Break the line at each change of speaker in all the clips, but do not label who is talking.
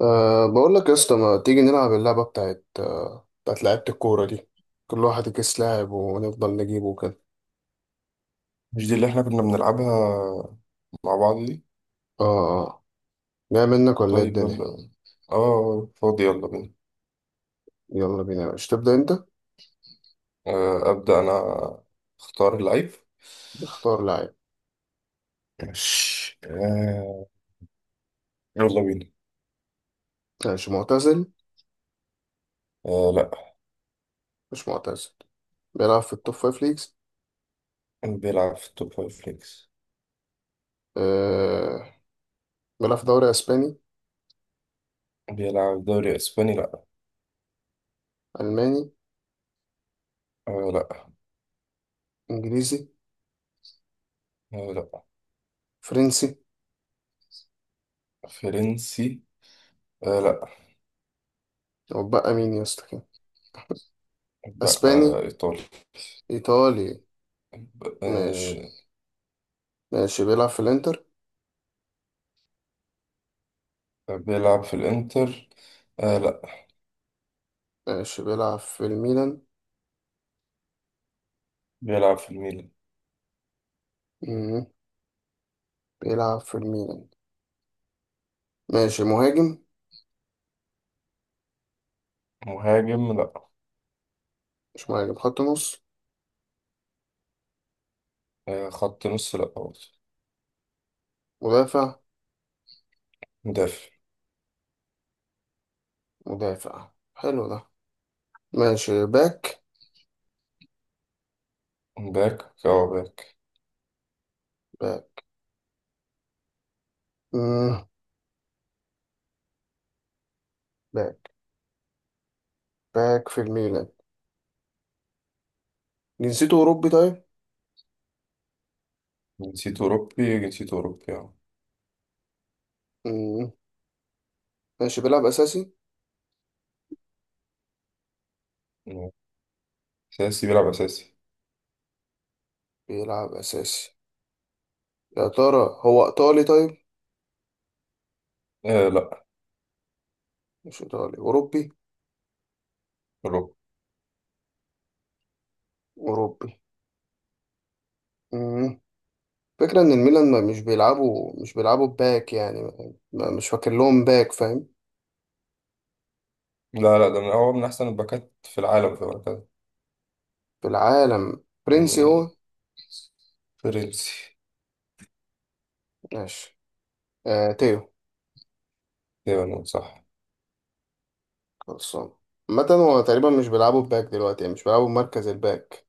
بقول لك يا اسطى، ما تيجي نلعب اللعبة بتاعت بتاعت لعيبة الكورة دي. كل واحد يكيس لاعب ونفضل نجيبه كده.
مش دي اللي احنا كنا بنلعبها مع بعض دي.
اه. اه أه. جاي منك ولا ايه
طيب
الدنيا؟
يلا، اه فاضي، يلا بينا.
يلا بينا، مش تبدأ انت؟
آه، أبدأ أنا، أختار اللعيب.
اختار لاعب.
ماشي آه، يلا بينا.
ماشي، معتزل؟
آه لا.
مش معتزل. بيلعب في التوب فايف ليجز؟
بيلعب في التوب فايف ليجز.
أه بيلعب في دوري اسباني؟
بيلعب دوري اسباني لا.
الماني؟
آه لا.
انجليزي؟
آه لا.
فرنسي؟
فرنسي، آه لا.
وبقى مين يا اسطى كده؟
بقى
اسباني؟
آه ايطالي،
ايطالي؟
آه.
ماشي ماشي بيلعب في الانتر؟
بيلعب في الانتر، آه لا.
ماشي، بيلعب في الميلان؟
بيلعب في الميلان.
مم. بيلعب في الميلان. ماشي، مهاجم؟
مهاجم لا.
مش مهاجم، خط نص؟
آه خط نص لا برضه.
مدافع؟
مدافع،
مدافع حلو ده. ماشي، باك؟
باك، اه باك.
باك. مم. باك. باك في الميلان. جنسيته أوروبي طيب؟
جنسيته أوروبي، جنسيته أوروبي اه.
مم. ماشي، بيلعب أساسي؟
أساسي، بيلعب أساسي.
بيلعب أساسي. يا ترى هو إيطالي طيب؟
آه لا،
مش إيطالي، أوروبي؟
أوروبي.
أوروبي. مم. فكرة إن الميلان ما مش بيلعبوا باك يعني مش فاكر لهم باك، فاهم؟
لا لا، ده من أحسن الباكات في العالم في الوقت
في العالم. فرنسي هو؟
يعني. فرنسي.
ماشي. تيو؟
تقريبا نقول صح.
خلصان. عامة هو تقريبا مش بيلعبوا باك دلوقتي، يعني مش بيلعبوا مركز الباك.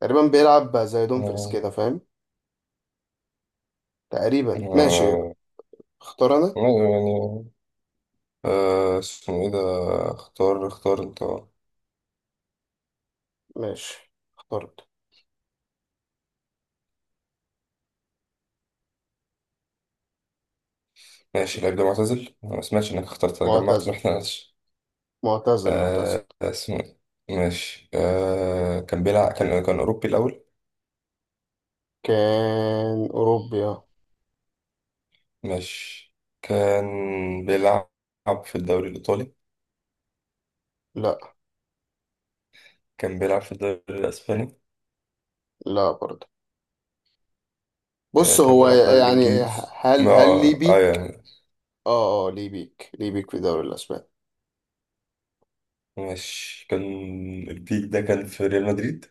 تقريبا بيلعب زي دومفريس
آه.
كده، فاهم؟ تقريبا. ماشي.
آه
اختار انا.
يعني، آه اسمه إيه ده، اختار اختار أنت.
ماشي، اخترت.
ماشي، اللعيب ده معتزل، أنا ما سمعتش إنك اخترت، أنا جمعت ما
معتزل،
إحناش.
معتزل، معتزل.
آه اسمه إيه. ماشي آه، كان بيلعب، كان أوروبي الأول.
كان اوروبيا.
ماشي، كان بيلعب في الدوري الإيطالي.
لا،
كان بيلعب في الدوري الأسباني.
لا، برضه
آه،
بص
كان
هو
بيلعب في الدوري
يعني.
الإنجليزي.
هل
ما
هل ليه
آه
بيك؟
يعني.
اه، اه، ليه بيك، ليه بيك في الدوري الاسباني؟
ماشي كان، البيك ده كان في ريال مدريد.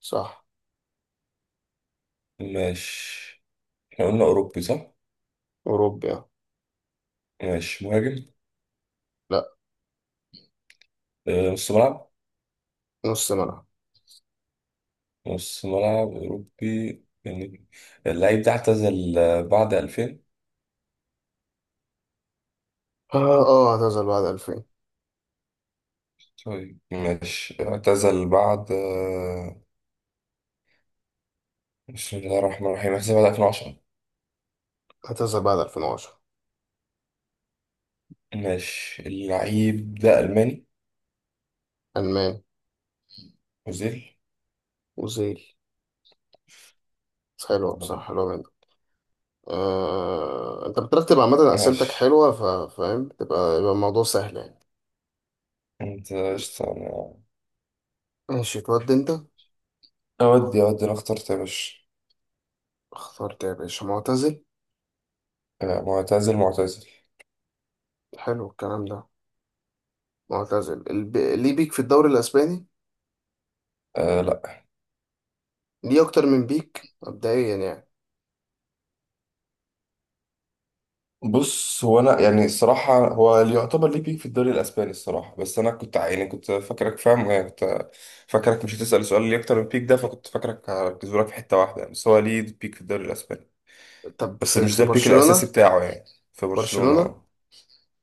صح.
ماشي، احنا قلنا أوروبي صح؟
اوروبيا.
ماشي، مهاجم.
لا.
آه، نص ملعب.
نص ملعب.
نص ملعب أوروبي يعني. اللعيب ده اعتزل آه، بعد 2000.
اه، اه، اعتزل بعد 2000؟
طيب ماشي، اعتزل بعد آه، بسم الله الرحمن الرحيم، اعتزل بعد 2010.
اعتزل بعد 2010.
ماشي، اللعيب ده ألماني،
الماني.
أوزيل.
اوزيل. حلوة
الله
بصراحة،
يبارك.
حلوة جدا. انت بترتب عامة اسئلتك
ماشي،
حلوة. فاهم. يبقى الموضوع سهل يعني.
أنت قشطة. أنا
ماشي، تودي انت؟
أودي أودي، أنا اخترت يا باشا.
اخترت يا باشا. معتزل.
آه، معتزل معتزل.
حلو الكلام ده. معتزل. ليه بيك في الدوري الاسباني؟
أه لا.
ليه اكتر من بيك مبدئيا يعني؟
بص، هو أنا يعني الصراحة، هو اللي يعتبر ليه بيك في الدوري الأسباني الصراحة، بس أنا كنت يعني كنت فاكرك فاهم، يعني كنت فاكرك مش هتسأل سؤال ليه أكتر من بيك ده، فكنت فاكرك هركزه لك في حتة واحدة يعني. بس هو ليه بيك في الدوري الأسباني،
طب
بس
في
مش
في
ده البيك الأساسي
برشلونة؟
بتاعه يعني. في برشلونة
برشلونة.
أه.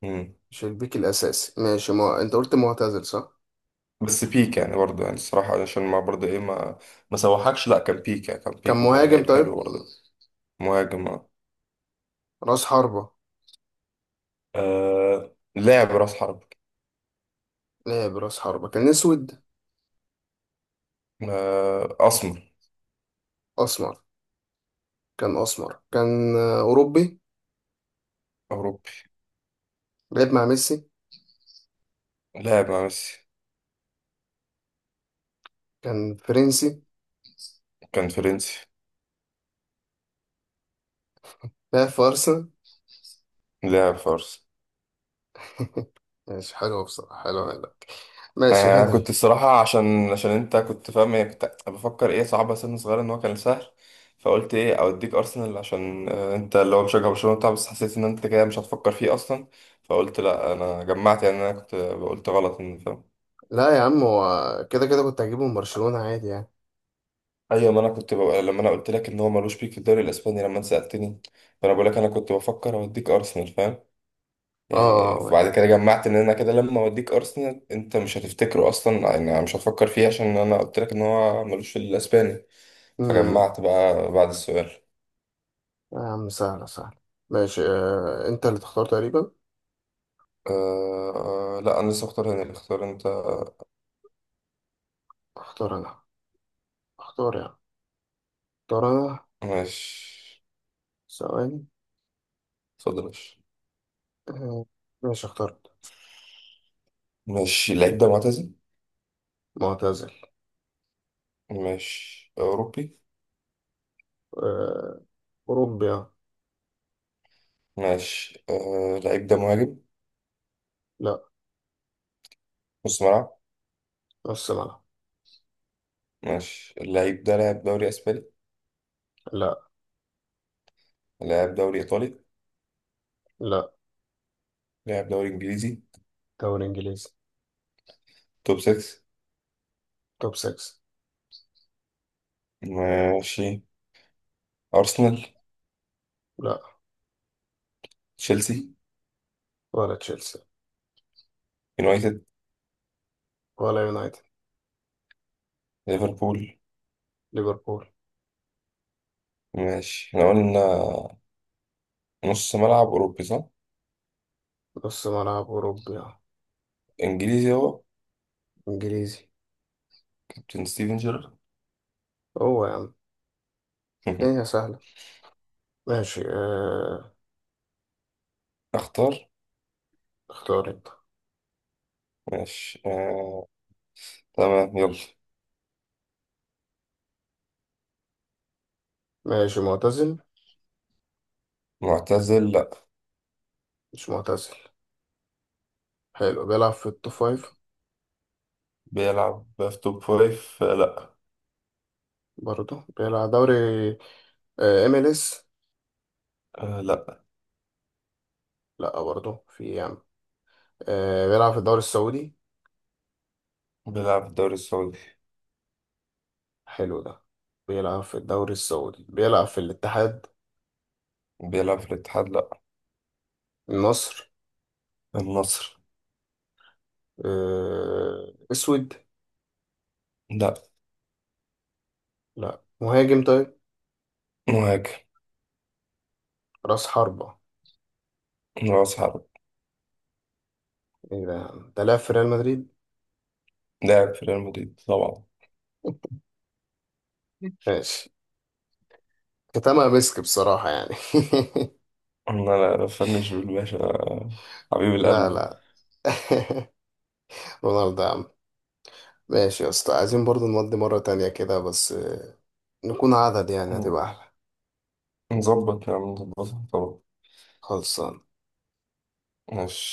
مم.
مش البيك الاساسي. ماشي. ما... انت قلت معتزل، صح؟
بس بيك يعني برضه يعني الصراحة عشان ما برضه ايه، ما سوحكش، لا كان بيك يعني، كان
كان
بيك وكان
مهاجم
لعيب حلو
طيب؟
برضه. مهاجم اه.
راس حربة؟
آه، لاعب راس حرب.
لعب راس حربة. كان اسود؟
آه، أسمر،
اسمر؟ كان اسمر. كان اوروبي.
أوروبي.
لعب مع ميسي؟
لاعب مع ميسي.
كان فرنسي؟
كان فرنسي.
لا، في أرسنال.
لاعب فارس.
ماشي، حلو بصراحة، حلو منك. ماشي،
آه كنت
هنري؟
الصراحة عشان انت كنت فاهم، يعني كنت بفكر ايه صعبة سن صغيرة، ان هو كان سهل، فقلت ايه اوديك ارسنال عشان آه، انت اللي هو مشجع برشلونة بتاع، بس حسيت ان انت كده مش هتفكر فيه اصلا، فقلت لا انا جمعت يعني، انا كنت قلت غلط ان فاهم.
لا يا عم، هو كده كده كنت هجيبه من برشلونة عادي يعني.
ايوه، ما انا كنت بقى لما انا قلت لك ان هو ملوش بيك في الدوري الاسباني، لما انت سالتني، فانا بقول لك انا كنت بفكر اوديك ارسنال فاهم. يعني
اه.
بعد كده جمعت ان انا كده لما اوديك ارسنال انت مش هتفتكره اصلا يعني، مش هتفكر فيه، عشان انا قلت لك ان هو ملوش في الاسباني،
امم
فجمعت بقى بعد السؤال.
يا عم، سهلة سهلة. ماشي. آه. انت اللي تختار تقريبا.
أه لا، انا لسه اختار هنا، اللي اختار انت.
اختار انا. اختار يعني. اختار انا.
ماشي،
ثواني.
اتفضل ماشي.
آه. ماشي، اخترت.
ماشي، اللعيب ده معتزل.
معتزل.
ماشي، اوروبي.
آه. اوروبي. آه.
ماشي أه، اللعيب ده مهاجم،
لا.
نص ملعب.
نص ملعب.
ماشي، اللعيب ده لعب دوري اسباني،
لا.
لعب دوري ايطالي،
لا.
لعب دوري انجليزي.
دوري انجليزي.
توب 6.
توب 6.
ماشي، ارسنال،
لا.
تشيلسي،
ولا تشيلسي.
يونايتد،
ولا يونايتد.
ليفربول.
ليفربول.
ماشي، احنا قلنا نص ملعب اوروبي صح؟
نص ملعب أوروبي. آه.
انجليزي هو،
إنجليزي.
كابتن ستيفن جيرارد.
هو يا عم. الدنيا سهلة. ماشي. آه.
اختار.
اختار أنت.
ماشي آه. تمام، يلا.
ماشي، معتزل؟
معتزل لا.
مش معتزل. حلو، بيلعب في التوب فايف؟
بيلعب في توب فايف آه، لا.
برضه بيلعب دوري MLS؟
آه. لا.
لا برضه. في إيه يا عم؟ آه. بيلعب في الدوري السعودي؟
بيلعب في الدوري السعودي.
حلو ده. بيلعب في الدوري السعودي. بيلعب في الاتحاد؟
بيلعب في الاتحاد لا.
النصر؟
النصر.
آه. اسود؟
لا.
لا، مهاجم طيب؟
مهاجم،
راس حربة؟
راس حرب.
ايه ده يا عم، ده لاعب في ريال مدريد.
لاعب في ريال مدريد طبعا.
ماشي. كتمها مسك بصراحة يعني.
انا لا فنش بالباشا، حبيب
لا،
القلب.
لا. رونالدو يا عم. ماشي يا اسطى، عايزين برضو نودي مرة تانية كده بس نكون عدد، يعني هتبقى أحلى.
مظبط نعم، مظبطها طبعا.
خلصان.
ماشي